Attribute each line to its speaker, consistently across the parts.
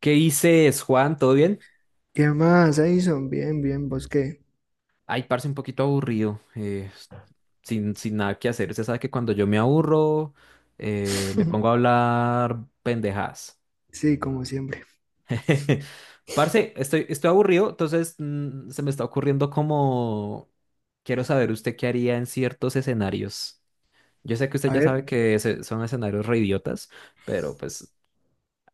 Speaker 1: ¿Qué dices, Juan? ¿Todo bien?
Speaker 2: ¿Qué más, Edison? Bien, bien, ¿vos qué?
Speaker 1: Ay, parce, un poquito aburrido, sin nada que hacer. Usted sabe que cuando yo me aburro, me pongo a hablar pendejadas.
Speaker 2: Sí, como siempre.
Speaker 1: Parce, estoy aburrido, entonces se me está ocurriendo como... Quiero saber usted qué haría en ciertos escenarios. Yo sé que usted
Speaker 2: A
Speaker 1: ya
Speaker 2: ver,
Speaker 1: sabe que son escenarios re idiotas, pero pues...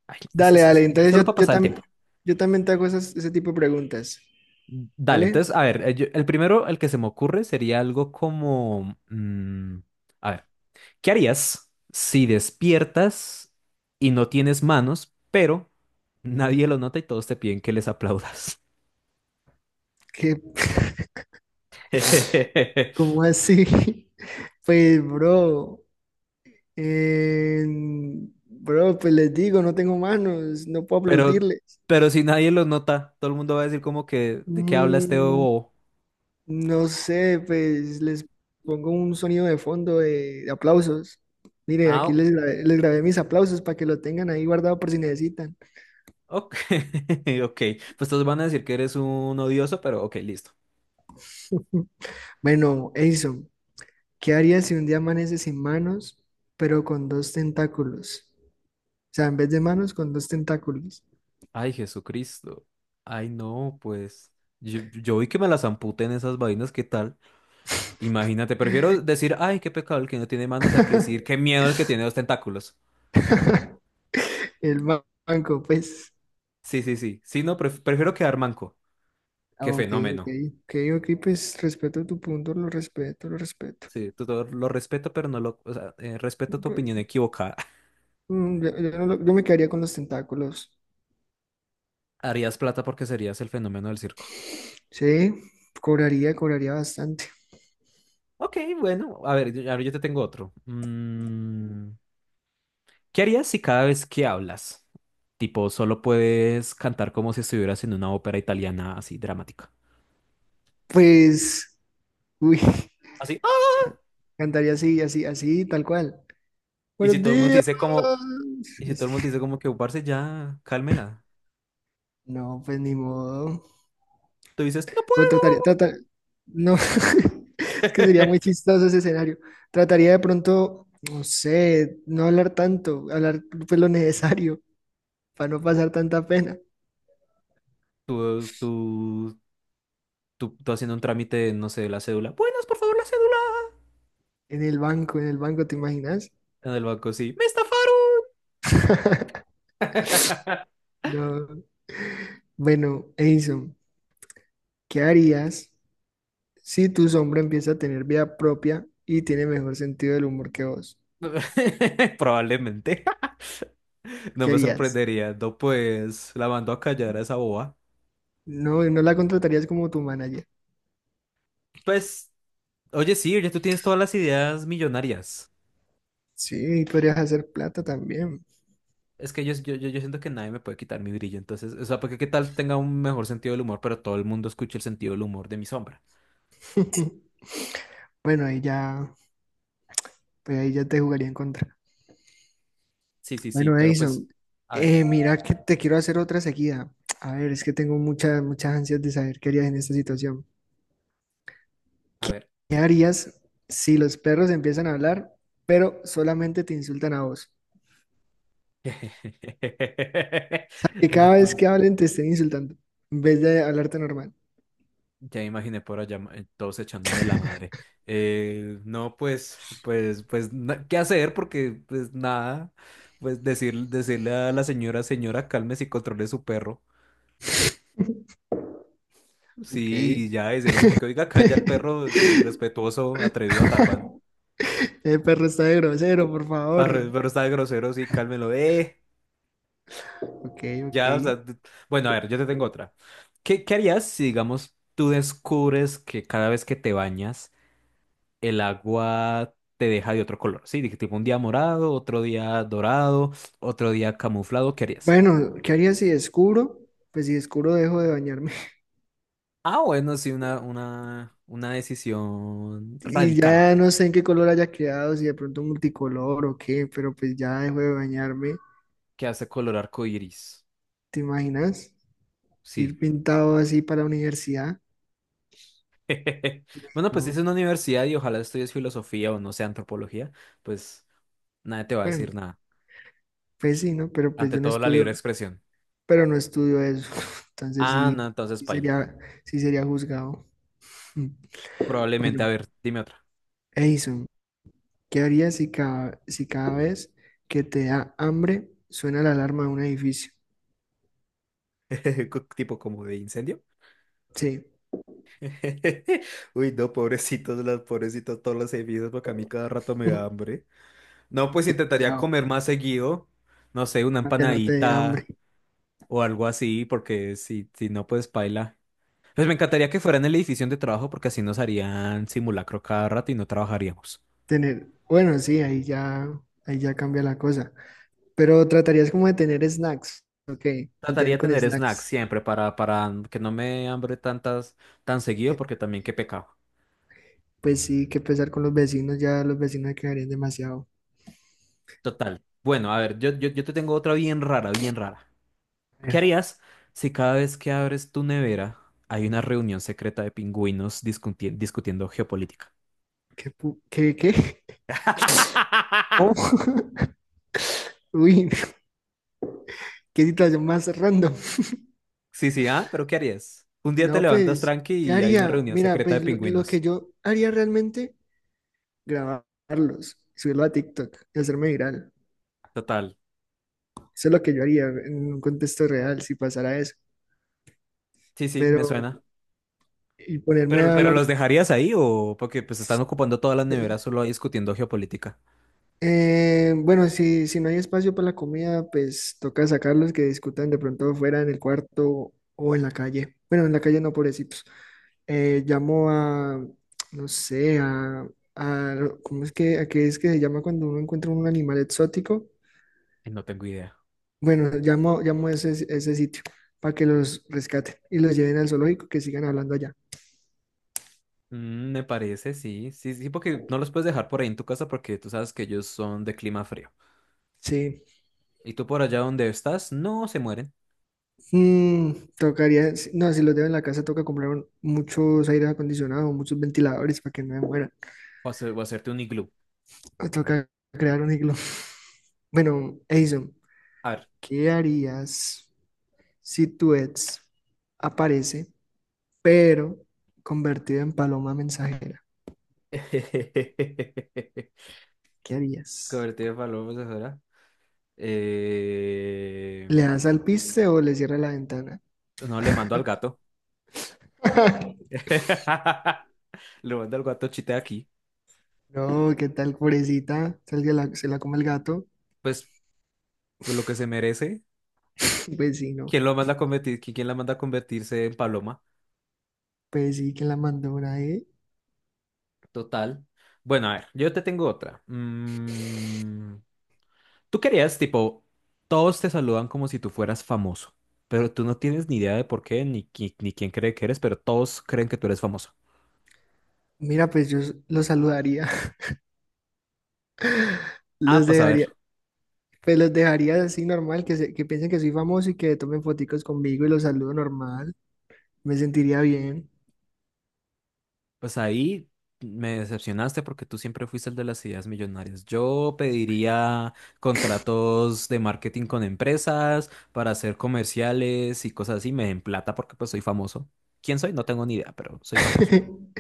Speaker 1: ay,
Speaker 2: dale, dale. Entonces
Speaker 1: solo para pasar el tiempo.
Speaker 2: yo también te hago ese tipo de preguntas.
Speaker 1: Dale,
Speaker 2: ¿Dale?
Speaker 1: entonces, a ver, el primero, el que se me ocurre sería algo como, a ver, ¿qué harías si despiertas y no tienes manos, pero nadie lo nota y todos te piden que les aplaudas?
Speaker 2: ¿Qué? ¿Cómo así? Pues, bro, pues les digo, no tengo manos, no puedo
Speaker 1: Pero,
Speaker 2: aplaudirles.
Speaker 1: pero si nadie lo nota, todo el mundo va a decir como que, ¿de qué habla este
Speaker 2: Mm,
Speaker 1: bobo?
Speaker 2: No sé, pues les pongo un sonido de fondo de aplausos. Mire, aquí
Speaker 1: Ah,
Speaker 2: les grabé mis aplausos para que lo tengan ahí guardado por si necesitan.
Speaker 1: ok, ok, pues todos van a decir que eres un odioso, pero ok, listo.
Speaker 2: Bueno, Edison, ¿qué harías si un día amaneces sin manos, pero con dos tentáculos? O sea, en vez de manos, con dos tentáculos.
Speaker 1: Ay, Jesucristo. Ay, no, pues. Yo vi que me las amputen esas vainas, ¿qué tal? Imagínate, prefiero decir, ay, qué pecado el que no tiene manos, a que decir, qué miedo el que tiene dos tentáculos.
Speaker 2: El banco, pues.
Speaker 1: Sí, sí, sí. Sí, no, prefiero quedar manco.
Speaker 2: Ah,
Speaker 1: Qué
Speaker 2: ok, ok.
Speaker 1: fenómeno.
Speaker 2: Ok, ok, pues respeto tu punto, lo respeto, lo respeto.
Speaker 1: Sí, tú todo lo respeto, pero no lo. O sea, respeto tu
Speaker 2: Pe-
Speaker 1: opinión equivocada.
Speaker 2: yo no lo- yo me quedaría con los tentáculos.
Speaker 1: Harías plata porque serías el fenómeno del circo.
Speaker 2: Sí, cobraría bastante.
Speaker 1: Ok, bueno, a ver, yo te tengo otro. Mm. ¿Qué harías si cada vez que hablas, tipo, solo puedes cantar como si estuvieras en una ópera italiana así dramática?
Speaker 2: Pues, uy,
Speaker 1: Así. "Ah",
Speaker 2: ca- cantaría así, así, así, tal cual.
Speaker 1: Y si
Speaker 2: Buenos
Speaker 1: todo el mundo te
Speaker 2: días.
Speaker 1: dice como, y si todo el mundo
Speaker 2: Así.
Speaker 1: te dice como que "Oh, parce ya, cálmela."
Speaker 2: No, pues ni modo.
Speaker 1: Tú dices, no
Speaker 2: O trataría,
Speaker 1: puedo.
Speaker 2: tratar, no, es que sería muy chistoso ese escenario. Trataría de pronto, no sé, no hablar tanto, hablar pues lo necesario para no pasar tanta pena.
Speaker 1: Tú, tú, tú haciendo un trámite, no sé, de la cédula. Buenas, por favor, la cédula.
Speaker 2: En el banco, ¿te imaginas?
Speaker 1: En el banco, sí. Me estafaron.
Speaker 2: No. Bueno, Edison, ¿qué harías? Si tu sombra empieza a tener vida propia y tiene mejor sentido del humor que vos,
Speaker 1: Probablemente. No
Speaker 2: ¿qué
Speaker 1: me
Speaker 2: harías?
Speaker 1: sorprendería. No, pues la mando a callar a esa boba.
Speaker 2: No, no la contratarías como tu manager.
Speaker 1: Pues. Oye, sí, ya tú tienes todas las ideas millonarias.
Speaker 2: Sí, y podrías hacer plata también.
Speaker 1: Es que yo siento que nadie me puede quitar mi brillo, entonces, o sea, porque qué tal tenga un mejor sentido del humor, pero todo el mundo escuche el sentido del humor de mi sombra.
Speaker 2: Bueno, ahí ya, pues ahí ya te jugaría en contra.
Speaker 1: Sí, sí, sí,
Speaker 2: Bueno,
Speaker 1: pero pues,
Speaker 2: Edison,
Speaker 1: a ver,
Speaker 2: mira que te quiero hacer otra seguida. A ver, es que tengo muchas, muchas ansias de saber qué harías en esta situación.
Speaker 1: a
Speaker 2: ¿Qué
Speaker 1: ver.
Speaker 2: qué harías si los perros empiezan a hablar, pero solamente te insultan a vos? O sea, que
Speaker 1: No,
Speaker 2: cada vez
Speaker 1: pues,
Speaker 2: que hablen te estén insultando, en vez de hablarte normal.
Speaker 1: ya me imaginé por allá todos echándome la madre. No, pues, pues, pues, ¿qué hacer? Porque, pues, nada, pues decir, decirle a la señora, señora, cálmese y controle su perro. Sí,
Speaker 2: Ok.
Speaker 1: y ya decirlo como que, oiga, calla el perro irrespetuoso, atrevido, Tarban.
Speaker 2: El perro está de grosero, por favor.
Speaker 1: Pero está de grosero, sí, cálmelo.
Speaker 2: Ok, ok.
Speaker 1: Ya, o sea, bueno, a ver, yo te tengo otra. ¿Qué, qué harías si, digamos, tú descubres que cada vez que te bañas, el agua te deja de otro color? Sí, dije, tipo un día morado, otro día dorado, otro día camuflado, ¿qué harías?
Speaker 2: Bueno, ¿qué haría si descubro? Pues si descubro, dejo de bañarme.
Speaker 1: Ah, bueno, sí, una decisión
Speaker 2: Y
Speaker 1: radical
Speaker 2: ya no sé en qué color haya quedado, si de pronto multicolor o qué, pero pues ya dejo de bañarme.
Speaker 1: que hace color arcoíris.
Speaker 2: ¿Te imaginas?
Speaker 1: Sí.
Speaker 2: Ir pintado así para la universidad.
Speaker 1: Bueno, pues si es
Speaker 2: No,
Speaker 1: una universidad y ojalá estudies filosofía o no sé, antropología, pues nadie te va a
Speaker 2: bueno,
Speaker 1: decir nada.
Speaker 2: pues sí, ¿no? Pero pues
Speaker 1: Ante
Speaker 2: yo no
Speaker 1: todo, la
Speaker 2: estudio,
Speaker 1: libre expresión.
Speaker 2: pero no estudio eso. Entonces
Speaker 1: Ah,
Speaker 2: sí,
Speaker 1: no, entonces
Speaker 2: sí
Speaker 1: paila.
Speaker 2: sería, sí sería juzgado.
Speaker 1: Probablemente, a
Speaker 2: Bueno,
Speaker 1: ver, dime otra.
Speaker 2: Edison. ¿Qué harías si cada vez que te da hambre suena la alarma de un edificio?
Speaker 1: Tipo como de incendio.
Speaker 2: Sí,
Speaker 1: Uy, no, pobrecitos, las pobrecitos, todos los servicios, porque a mí cada rato me da hambre. No, pues
Speaker 2: qué
Speaker 1: intentaría
Speaker 2: pecado,
Speaker 1: comer más seguido. No sé, una
Speaker 2: para que no te dé hambre.
Speaker 1: empanadita o algo así, porque si, si no, pues paila. Pues me encantaría que fuera en la edición de trabajo porque así nos harían simulacro cada rato y no trabajaríamos.
Speaker 2: Tener, bueno, sí, ahí ya cambia la cosa. Pero tratarías como de tener snacks, ok,
Speaker 1: Trataría
Speaker 2: mantener
Speaker 1: de
Speaker 2: con
Speaker 1: tener snacks
Speaker 2: snacks.
Speaker 1: siempre para que no me hambre tantas tan
Speaker 2: Ok.
Speaker 1: seguido porque también qué pecado.
Speaker 2: Pues sí, que pesar con los vecinos, ya los vecinos quedarían demasiado.
Speaker 1: Total. Bueno, a ver, yo te tengo otra bien rara, bien rara.
Speaker 2: A
Speaker 1: ¿Qué
Speaker 2: ver,
Speaker 1: harías si cada vez que abres tu nevera hay una reunión secreta de pingüinos discutiendo geopolítica?
Speaker 2: ¿qué? ¿Cómo? Uy, qué situación más random.
Speaker 1: Sí, sí, ¿ah? ¿Pero qué harías? Un día te
Speaker 2: No,
Speaker 1: levantas
Speaker 2: pues,
Speaker 1: tranqui
Speaker 2: ¿qué
Speaker 1: y hay una
Speaker 2: haría?
Speaker 1: reunión
Speaker 2: Mira,
Speaker 1: secreta de
Speaker 2: pues lo que
Speaker 1: pingüinos.
Speaker 2: yo haría realmente grabarlos, subirlo a TikTok y hacerme viral.
Speaker 1: Total.
Speaker 2: Eso es lo que yo haría en un contexto real si pasara eso.
Speaker 1: Sí, sí, me
Speaker 2: Pero,
Speaker 1: suena.
Speaker 2: y ponerme a
Speaker 1: Pero
Speaker 2: hablar.
Speaker 1: ¿los dejarías ahí o porque pues están ocupando todas las neveras solo ahí discutiendo geopolítica?
Speaker 2: Bueno, si no hay espacio para la comida, pues toca sacarlos que discutan de pronto fuera en el cuarto o en la calle. Bueno, en la calle no, pobrecitos. Llamo a, no sé, a- ¿cómo es que, a qué es que se llama cuando uno encuentra un animal exótico?
Speaker 1: Ay, no tengo idea.
Speaker 2: Bueno, llamo a ese sitio para que los rescaten y los lleven al zoológico, que sigan hablando allá.
Speaker 1: Mm, me parece, sí, sí, sí, porque no los puedes dejar por ahí en tu casa porque tú sabes que ellos son de clima frío.
Speaker 2: Sí.
Speaker 1: Y tú por allá donde estás, no se mueren.
Speaker 2: Mm, tocaría, si- no, si los dejo en la casa, toca comprar muchos aire acondicionado, muchos ventiladores para que no me muera.
Speaker 1: O, o hacerte un iglú.
Speaker 2: Ah, toca crear un iglú. Bueno, Edison,
Speaker 1: A ver.
Speaker 2: ¿qué harías si tu ex aparece, pero convertido en paloma mensajera? ¿Qué harías?
Speaker 1: Cobertura de palomas de fuera. Eh,
Speaker 2: ¿Le das al piste o le cierras la ventana?
Speaker 1: No, le mando al gato. Le mando al gato chita aquí.
Speaker 2: No, ¿qué tal, pobrecita? Tal que se la come el gato.
Speaker 1: Pues, pues lo que se merece.
Speaker 2: Pues sí, no.
Speaker 1: ¿Quién lo manda a convertir? ¿Quién la manda a convertirse en paloma?
Speaker 2: Pues sí, que la mandó una, ¿eh?
Speaker 1: Total. Bueno, a ver, yo te tengo otra. Mm, tú querías, tipo, todos te saludan como si tú fueras famoso, pero tú no tienes ni idea de por qué, ni, ni quién cree que eres, pero todos creen que tú eres famoso.
Speaker 2: Mira, pues yo los saludaría.
Speaker 1: Ah,
Speaker 2: Los
Speaker 1: pues a ver.
Speaker 2: dejaría. Pues los dejaría así normal, que piensen que soy famoso y que tomen foticos conmigo y los saludo normal. Me sentiría bien.
Speaker 1: Pues ahí me decepcionaste porque tú siempre fuiste el de las ideas millonarias. Yo pediría contratos de marketing con empresas para hacer comerciales y cosas así. Me den plata porque pues soy famoso. ¿Quién soy? No tengo ni idea, pero soy famoso.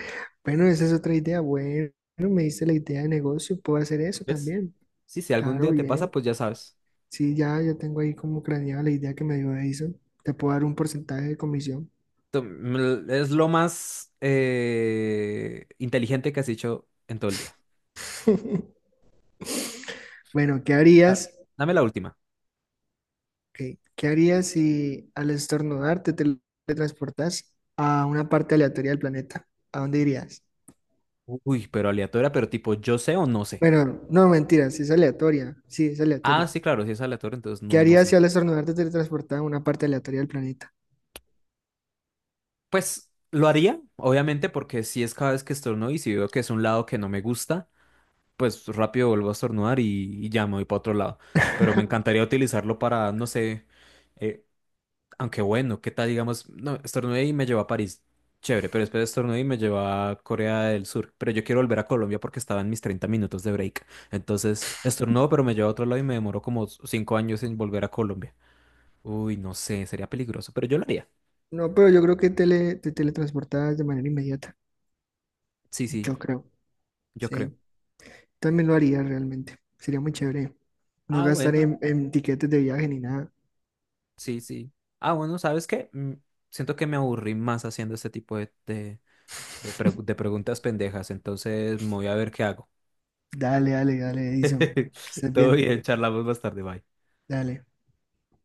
Speaker 2: Bueno, esa es otra idea. Bueno, me diste la idea de negocio. Puedo hacer eso
Speaker 1: ¿Ves?
Speaker 2: también.
Speaker 1: Sí, si algún
Speaker 2: Claro,
Speaker 1: día te pasa,
Speaker 2: bien.
Speaker 1: pues ya sabes.
Speaker 2: Sí, ya tengo ahí como craneada la idea que me dio Edison. Te puedo dar un porcentaje de comisión.
Speaker 1: Es lo más inteligente que has hecho en todo el día.
Speaker 2: Bueno, ¿qué
Speaker 1: A ver,
Speaker 2: harías?
Speaker 1: dame la última.
Speaker 2: Ok, ¿qué harías si al estornudar te teletransportas a una parte aleatoria del planeta? ¿A dónde irías?
Speaker 1: Uy, pero aleatoria, pero tipo, ¿yo sé o no sé?
Speaker 2: Bueno, no, mentira, sí es aleatoria. Sí, es
Speaker 1: Ah,
Speaker 2: aleatoria.
Speaker 1: sí, claro, si es aleatorio entonces no,
Speaker 2: ¿Qué
Speaker 1: no
Speaker 2: harías si
Speaker 1: sé.
Speaker 2: al estornudar te teletransportas a una parte aleatoria del planeta?
Speaker 1: Pues lo haría, obviamente, porque si es cada vez que estornudo y si veo que es un lado que no me gusta, pues rápido vuelvo a estornudar y ya me voy para otro lado. Pero me encantaría utilizarlo para, no sé, eh, aunque bueno, ¿qué tal? Digamos, no, estornudé y me llevó a París. Chévere, pero después estornudé y me llevó a Corea del Sur. Pero yo quiero volver a Colombia porque estaba en mis 30 minutos de break. Entonces, estornudo, pero me llevó a otro lado y me demoró como 5 años en volver a Colombia. Uy, no sé, sería peligroso, pero yo lo haría.
Speaker 2: No, pero yo creo que te teletransportas de manera inmediata.
Speaker 1: Sí, sí,
Speaker 2: Yo creo,
Speaker 1: yo creo.
Speaker 2: sí. También lo haría realmente. Sería muy chévere. No
Speaker 1: Ah,
Speaker 2: gastar
Speaker 1: bueno.
Speaker 2: en tiquetes de viaje ni nada.
Speaker 1: Sí, sí. Ah, bueno, ¿sabes qué? Siento que me aburrí más haciendo este tipo de de preguntas pendejas, entonces me voy a ver qué hago.
Speaker 2: Dale, dale, dale, Edison. Que estés
Speaker 1: Todo
Speaker 2: bien.
Speaker 1: bien, charlamos más tarde, bye.
Speaker 2: Dale.